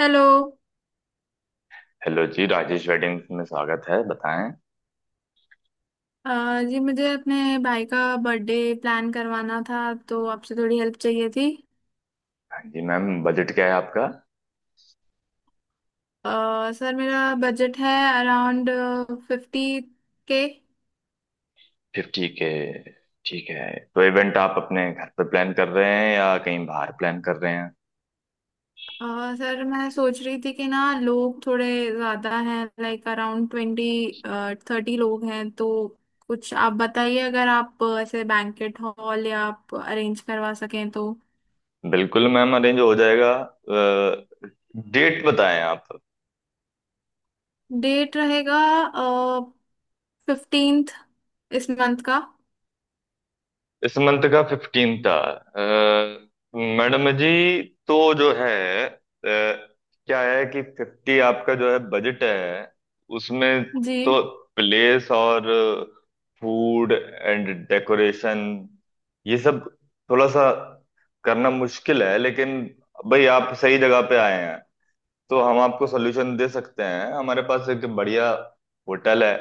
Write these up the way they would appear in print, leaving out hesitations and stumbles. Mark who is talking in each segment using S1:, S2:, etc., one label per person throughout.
S1: Hello.
S2: Hello जी, Rajesh wedding में स्वागत है। बताएं।
S1: अ, जी मुझे अपने भाई का बर्थडे प्लान करवाना था, तो आपसे थोड़ी हेल्प चाहिए थी।
S2: हाँ जी मैम, बजट क्या है आपका?
S1: अ, सर मेरा बजट है अराउंड 50 के।
S2: Fifty K. ठीक है। तो इवेंट आप अपने घर पे प्लान कर रहे हैं या कहीं बाहर प्लान कर रहे हैं?
S1: सर मैं सोच रही थी कि ना लोग थोड़े ज़्यादा हैं, लाइक अराउंड 20-30 लोग हैं, तो कुछ आप बताइए, अगर आप ऐसे बैंकेट हॉल या आप अरेंज करवा सकें तो।
S2: बिल्कुल मैम, अरेंज हो जाएगा। डेट बताएं आप।
S1: डेट रहेगा 15th, इस मंथ का।
S2: इस मंथ का 15 था मैडम जी। तो क्या है कि 50 आपका जो है बजट है उसमें,
S1: जी
S2: तो प्लेस और फूड एंड डेकोरेशन ये सब थोड़ा सा करना मुश्किल है, लेकिन भाई आप सही जगह पे आए हैं। तो हम आपको सोल्यूशन दे सकते हैं। हमारे पास एक बढ़िया होटल है,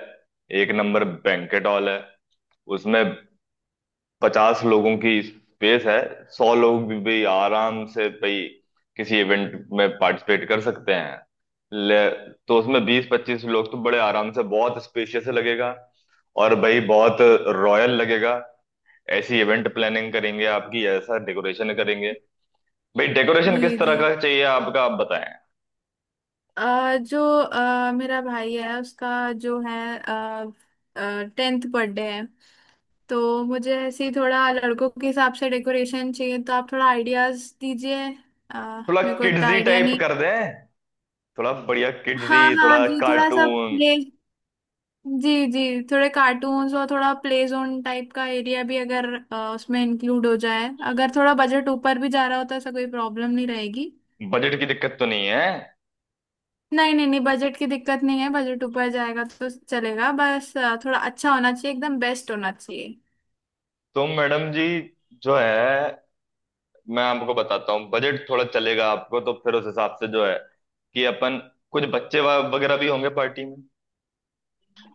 S2: एक नंबर बैंकेट हॉल है। उसमें 50 लोगों की स्पेस है। 100 लोग भी आराम से भाई किसी इवेंट में पार्टिसिपेट कर सकते हैं। ले तो उसमें 20-25 लोग तो बड़े आराम से, बहुत स्पेशियस लगेगा। और भाई बहुत रॉयल लगेगा। ऐसी इवेंट प्लानिंग करेंगे आपकी, ऐसा डेकोरेशन करेंगे। भाई डेकोरेशन किस
S1: जी
S2: तरह
S1: जी।
S2: का चाहिए आपका, आप बताएं।
S1: जो मेरा भाई है, उसका जो है, 10th बर्थडे है, तो मुझे ऐसे ही थोड़ा लड़कों के हिसाब से डेकोरेशन चाहिए, तो आप थोड़ा आइडियाज दीजिए। अ,
S2: थोड़ा
S1: मेरे को इतना
S2: किड्जी
S1: आइडिया
S2: टाइप
S1: नहीं।
S2: कर दें? थोड़ा बढ़िया किड्जी,
S1: हाँ हाँ
S2: थोड़ा
S1: जी, थोड़ा सा
S2: कार्टून।
S1: प्ले। जी जी, थोड़े कार्टून्स और थोड़ा प्ले जोन टाइप का एरिया भी अगर उसमें इंक्लूड हो जाए, अगर थोड़ा बजट ऊपर भी जा रहा होता है, ऐसा कोई प्रॉब्लम नहीं रहेगी।
S2: बजट की दिक्कत तो नहीं है।
S1: नहीं नहीं नहीं, बजट की दिक्कत नहीं है, बजट ऊपर जाएगा तो चलेगा, बस थोड़ा अच्छा होना चाहिए, एकदम बेस्ट होना चाहिए।
S2: तो मैडम जी जो है, मैं आपको बताता हूँ, बजट थोड़ा चलेगा आपको तो फिर उस हिसाब से जो है, कि अपन कुछ बच्चे वगैरह भी होंगे पार्टी में।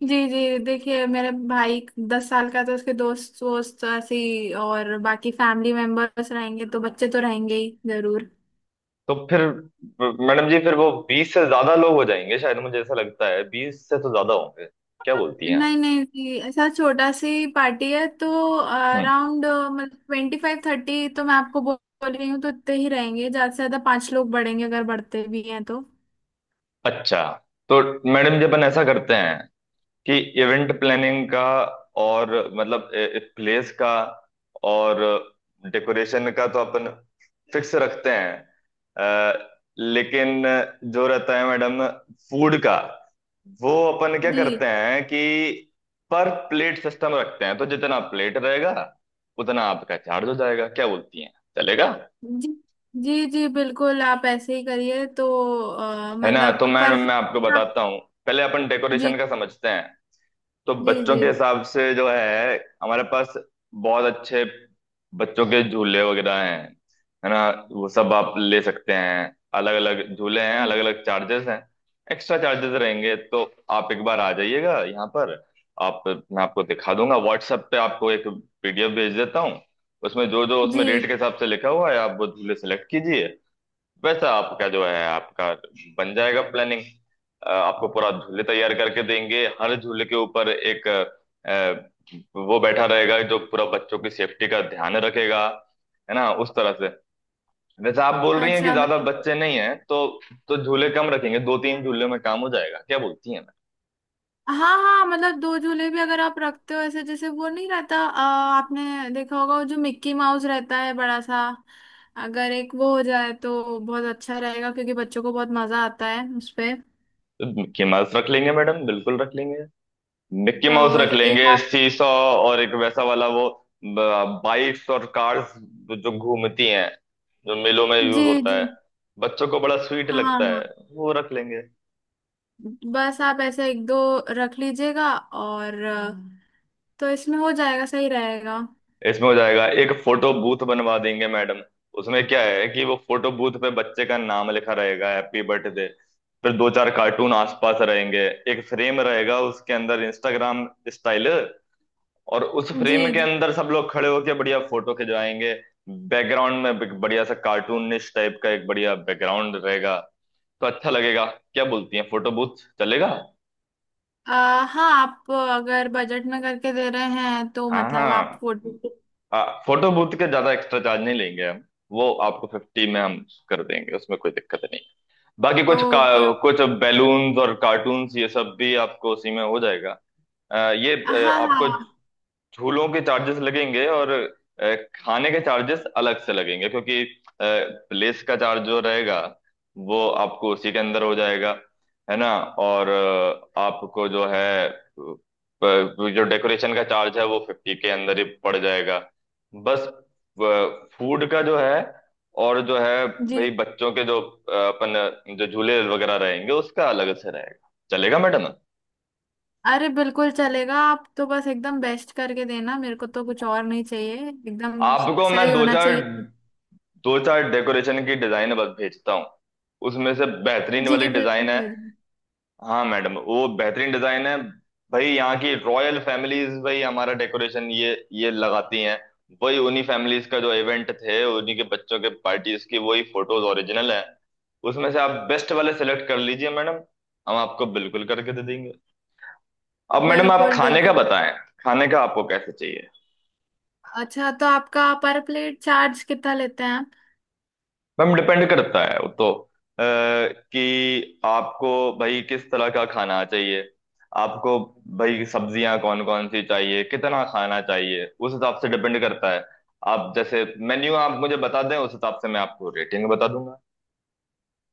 S1: जी जी, देखिए मेरे भाई 10 साल का, तो उसके दोस्त वोस्त ऐसे ही, और बाकी फैमिली मेंबर्स रहेंगे, तो बच्चे तो रहेंगे ही जरूर।
S2: तो फिर मैडम जी फिर वो 20 से ज्यादा लोग हो जाएंगे, शायद मुझे ऐसा लगता है 20 से तो ज्यादा होंगे। क्या बोलती हैं आप?
S1: नहीं नहीं जी, ऐसा छोटा सी पार्टी है, तो
S2: हम्म।
S1: अराउंड मतलब 25-30, तो मैं आपको बोल बोल रही हूँ, तो इतने ही रहेंगे, ज्यादा से ज्यादा पांच लोग बढ़ेंगे अगर बढ़ते भी हैं तो।
S2: अच्छा। तो मैडम जी अपन ऐसा करते हैं कि इवेंट प्लानिंग का और मतलब प्लेस का और डेकोरेशन का तो अपन फिक्स रखते हैं, अ, लेकिन जो रहता है मैडम फूड का, वो अपन क्या
S1: जी
S2: करते हैं कि पर प्लेट सिस्टम रखते हैं। तो जितना प्लेट रहेगा उतना आपका चार्ज हो जाएगा। क्या बोलती हैं, चलेगा?
S1: जी जी जी, बिल्कुल आप ऐसे ही करिए, तो
S2: है ना, तो
S1: मतलब
S2: मैं
S1: पर
S2: मैं
S1: जी
S2: आपको बताता हूँ। पहले अपन डेकोरेशन का समझते हैं। तो
S1: जी
S2: बच्चों
S1: जी
S2: के हिसाब से जो है, हमारे पास बहुत अच्छे बच्चों के झूले वगैरह हैं, है ना? वो सब आप ले सकते हैं। अलग अलग झूले हैं, अलग अलग चार्जेस हैं। एक्स्ट्रा चार्जेस रहेंगे, तो आप एक बार आ जाइएगा यहाँ पर। आप, मैं आपको दिखा दूंगा। व्हाट्सएप पे आपको एक पीडीएफ भेज देता हूँ। उसमें जो जो उसमें रेट
S1: जी।
S2: के हिसाब से लिखा हुआ है, आप वो झूले सेलेक्ट कीजिए। वैसे आपका जो है आपका बन जाएगा प्लानिंग। आपको पूरा झूले तैयार करके देंगे। हर झूले के ऊपर एक वो बैठा रहेगा जो पूरा बच्चों की सेफ्टी का ध्यान रखेगा, है ना, उस तरह से। वैसे आप बोल रही हैं कि
S1: अच्छा
S2: ज्यादा
S1: मतलब।
S2: बच्चे नहीं हैं, तो झूले कम रखेंगे। 2-3 झूले में काम हो जाएगा। क्या बोलती हैं मैम?
S1: हाँ हाँ, मतलब दो झूले भी अगर आप रखते हो, ऐसे जैसे वो नहीं रहता, आपने देखा होगा वो जो मिक्की माउस रहता है बड़ा सा, अगर एक वो हो जाए तो बहुत अच्छा रहेगा, क्योंकि बच्चों को बहुत मजा आता है उसपे।
S2: तो मिकी माउस रख लेंगे मैडम, बिल्कुल रख लेंगे। मिक्की माउस
S1: और
S2: रख
S1: एक
S2: लेंगे,
S1: आप।
S2: सीसॉ। और एक वैसा वाला वो, बाइक्स और कार्स जो घूमती हैं, जो मेलों में यूज
S1: जी
S2: होता
S1: जी,
S2: है। बच्चों को बड़ा स्वीट
S1: हाँ
S2: लगता
S1: हाँ,
S2: है। वो रख लेंगे।
S1: बस आप ऐसे एक दो रख लीजिएगा, और तो इसमें हो जाएगा, सही रहेगा।
S2: इसमें हो जाएगा। एक फोटो बूथ बनवा देंगे मैडम। उसमें क्या है कि वो फोटो बूथ पे बच्चे का नाम लिखा रहेगा, हैप्पी बर्थडे। फिर 2-4 कार्टून आसपास रहेंगे। एक फ्रेम रहेगा उसके अंदर, इंस्टाग्राम स्टाइल। और उस
S1: जी
S2: फ्रेम के
S1: जी।
S2: अंदर सब लोग खड़े होके बढ़िया फोटो खिंचवाएंगे। बैकग्राउंड में बढ़िया सा कार्टूनिश टाइप का एक बढ़िया बैकग्राउंड रहेगा, तो अच्छा लगेगा। क्या बोलती हैं, फोटो बूथ चलेगा?
S1: आ, हाँ आप अगर बजट में करके दे रहे हैं तो
S2: हाँ
S1: मतलब आप
S2: हाँ।
S1: फोटो।
S2: फोटो बूथ के ज्यादा एक्स्ट्रा चार्ज नहीं लेंगे हम। वो आपको 50 में हम कर देंगे, उसमें कोई दिक्कत नहीं। बाकी
S1: ओके ओके,
S2: कुछ बैलून्स और कार्टून्स ये सब भी आपको उसी में हो जाएगा। आ, ये
S1: हाँ
S2: आपको
S1: हाँ
S2: झूलों के चार्जेस लगेंगे और खाने के चार्जेस अलग से लगेंगे, क्योंकि प्लेस का चार्ज जो रहेगा वो आपको उसी के अंदर हो जाएगा, है ना? और आपको जो डेकोरेशन का चार्ज है वो 50 के अंदर ही पड़ जाएगा। बस फूड का जो है और जो है
S1: जी,
S2: भाई, बच्चों के जो अपन जो झूले वगैरह रहेंगे उसका अलग से रहेगा। चलेगा मैडम?
S1: अरे बिल्कुल चलेगा, आप तो बस एकदम बेस्ट करके देना, मेरे को तो कुछ और नहीं चाहिए, एकदम
S2: आपको मैं
S1: सही होना चाहिए।
S2: 2-4 डेकोरेशन की डिजाइन बस भेजता हूँ। उसमें से बेहतरीन
S1: जी
S2: वाली
S1: बिल्कुल
S2: डिजाइन है।
S1: बिल्कुल।
S2: हाँ मैडम, वो बेहतरीन डिजाइन है। भाई यहाँ की रॉयल फैमिलीज भाई हमारा डेकोरेशन ये लगाती हैं। वही उन्हीं फैमिलीज का जो इवेंट थे उन्हीं के बच्चों के पार्टीज की वही फोटोज ओरिजिनल है। उसमें से आप बेस्ट वाले सेलेक्ट कर लीजिए मैडम। हम आपको बिल्कुल करके दे देंगे। अब मैडम आप
S1: बिल्कुल
S2: खाने का
S1: बिल्कुल।
S2: बताएं। खाने का आपको कैसे चाहिए?
S1: अच्छा, तो आपका पर प्लेट चार्ज कितना लेते हैं?
S2: मैम डिपेंड करता है वो तो, कि आपको भाई किस तरह का खाना चाहिए, आपको भाई सब्जियां कौन कौन सी चाहिए, कितना खाना चाहिए, उस हिसाब से डिपेंड करता है। आप जैसे मेन्यू आप मुझे बता दें, उस हिसाब से मैं आपको रेटिंग बता दूंगा।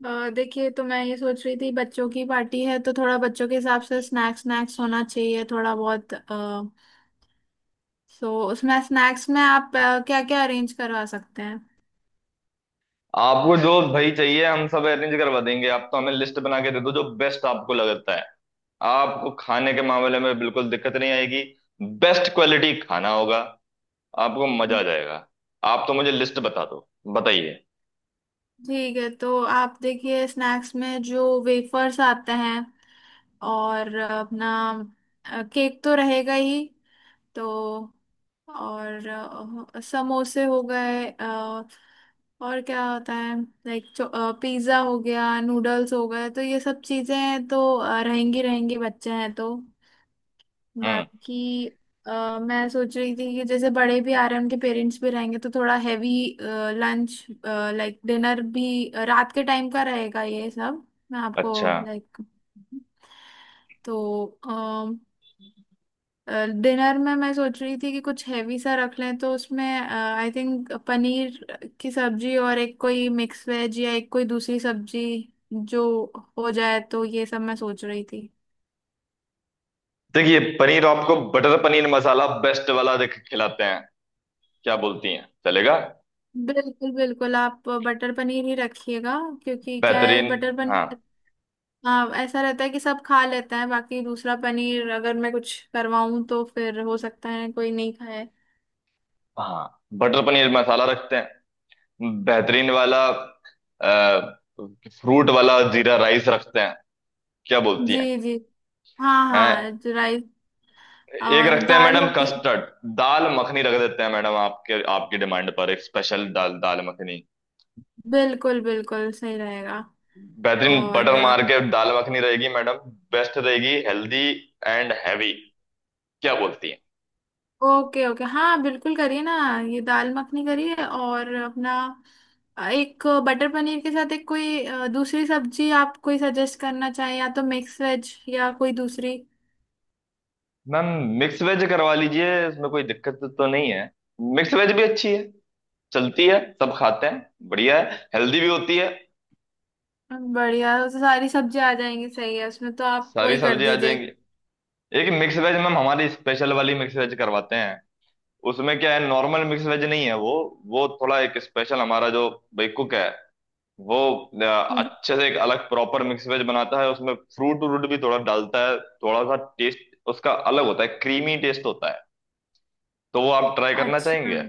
S1: देखिए तो मैं ये सोच रही थी, बच्चों की पार्टी है तो थोड़ा बच्चों के हिसाब से स्नैक्स स्नैक्स होना चाहिए, थोड़ा बहुत। सो उसमें स्नैक्स में आप क्या क्या अरेंज करवा सकते हैं?
S2: आपको जो भाई चाहिए हम सब अरेंज करवा देंगे। आप तो हमें लिस्ट बना के दे दो, जो बेस्ट आपको लगता है। आपको खाने के मामले में बिल्कुल दिक्कत नहीं आएगी, बेस्ट क्वालिटी खाना होगा, आपको मजा आ जाएगा। आप तो मुझे लिस्ट बता दो। बताइए।
S1: ठीक है, तो आप देखिए स्नैक्स में जो वेफर्स आते हैं, और अपना केक तो रहेगा ही, तो और समोसे हो गए, और क्या होता है, लाइक पिज्ज़ा हो गया, नूडल्स हो गए, तो ये सब चीज़ें तो रहेंगी रहेंगी, बच्चे हैं तो।
S2: हम्म।
S1: बाकी मैं सोच रही थी कि जैसे बड़े भी आ रहे हैं, उनके पेरेंट्स भी रहेंगे, तो थोड़ा हैवी लंच, लाइक डिनर भी रात के टाइम का रहेगा ये सब, मैं आपको
S2: अच्छा।
S1: लाइक, तो डिनर में मैं सोच रही थी कि कुछ हैवी सा रख लें, तो उसमें आई थिंक पनीर की सब्जी, और एक कोई मिक्स वेज या एक कोई दूसरी सब्जी जो हो जाए, तो ये सब मैं सोच रही थी।
S2: देखिए, पनीर आपको बटर पनीर मसाला बेस्ट वाला देख खिलाते हैं। क्या बोलती हैं, चलेगा?
S1: बिल्कुल बिल्कुल, आप बटर पनीर ही रखिएगा, क्योंकि क्या है,
S2: बेहतरीन।
S1: बटर
S2: हाँ
S1: पनीर। हाँ ऐसा रहता है कि सब खा लेते हैं, बाकी दूसरा पनीर अगर मैं कुछ करवाऊं तो फिर हो सकता है कोई नहीं खाए।
S2: हाँ, बटर पनीर मसाला रखते हैं बेहतरीन वाला। फ्रूट वाला जीरा राइस रखते हैं। क्या बोलती हैं?
S1: जी जी, हाँ हाँ
S2: हैं।
S1: राइस,
S2: एक
S1: और
S2: रखते हैं
S1: दाल
S2: मैडम
S1: हो गई।
S2: कस्टर्ड। दाल मखनी रख देते हैं मैडम, आपके आपकी डिमांड पर एक स्पेशल दाल, दाल मखनी।
S1: बिल्कुल बिल्कुल सही रहेगा।
S2: बेहतरीन
S1: और
S2: बटर मार के दाल मखनी रहेगी मैडम। बेस्ट रहेगी, हेल्दी एंड हैवी। क्या बोलती हैं?
S1: ओके ओके, हाँ बिल्कुल करिए ना, ये दाल मखनी करिए, और अपना एक बटर पनीर के साथ एक कोई दूसरी सब्जी आप कोई सजेस्ट करना चाहें, या तो मिक्स वेज या कोई दूसरी।
S2: मैम मिक्स वेज करवा लीजिए, इसमें कोई दिक्कत तो नहीं है। मिक्स वेज भी अच्छी है, चलती है, सब खाते हैं, बढ़िया है, हेल्दी भी होती है।
S1: बढ़िया, सारी सब्जियां आ जाएंगी, सही है उसमें, तो आप
S2: सारी
S1: वही कर
S2: सब्जी आ
S1: दीजिए।
S2: जाएंगी। एक मिक्स वेज मैम हमारी स्पेशल वाली मिक्स वेज करवाते हैं। उसमें क्या है, नॉर्मल मिक्स वेज नहीं है वो। वो थोड़ा एक स्पेशल, हमारा जो भाई कुक है वो अ,
S1: हम्म,
S2: अच्छे से एक अलग प्रॉपर मिक्स वेज बनाता है। उसमें फ्रूट व्रूट भी थोड़ा डालता है। थोड़ा सा टेस्ट उसका अलग होता है, क्रीमी टेस्ट होता है। तो वो आप ट्राई करना
S1: अच्छा,
S2: चाहेंगे?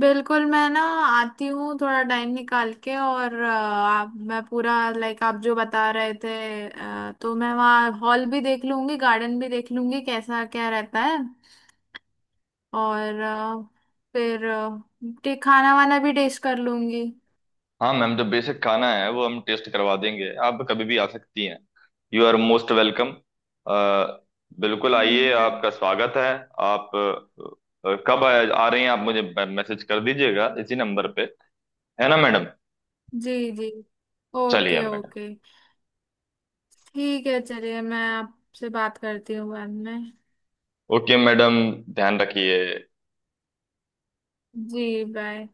S1: बिल्कुल, मैं ना आती हूँ थोड़ा टाइम निकाल के, और आप मैं पूरा, लाइक आप जो बता रहे थे, तो मैं वहाँ हॉल भी देख लूंगी, गार्डन भी देख लूंगी कैसा क्या रहता है, और फिर खाना वाना भी टेस्ट कर लूंगी।
S2: हाँ मैम, जो बेसिक खाना है वो हम टेस्ट करवा देंगे। आप कभी भी आ सकती हैं, यू आर मोस्ट वेलकम। बिल्कुल आइए,
S1: बिल-
S2: आपका स्वागत है। आप कब आ रही हैं आप, मुझे मैसेज कर दीजिएगा इसी नंबर पे, है ना मैडम?
S1: जी जी
S2: चलिए
S1: ओके
S2: मैडम।
S1: ओके, ठीक है चलिए, मैं आपसे बात करती हूँ बाद में।
S2: ओके मैडम, ध्यान रखिए।
S1: जी बाय।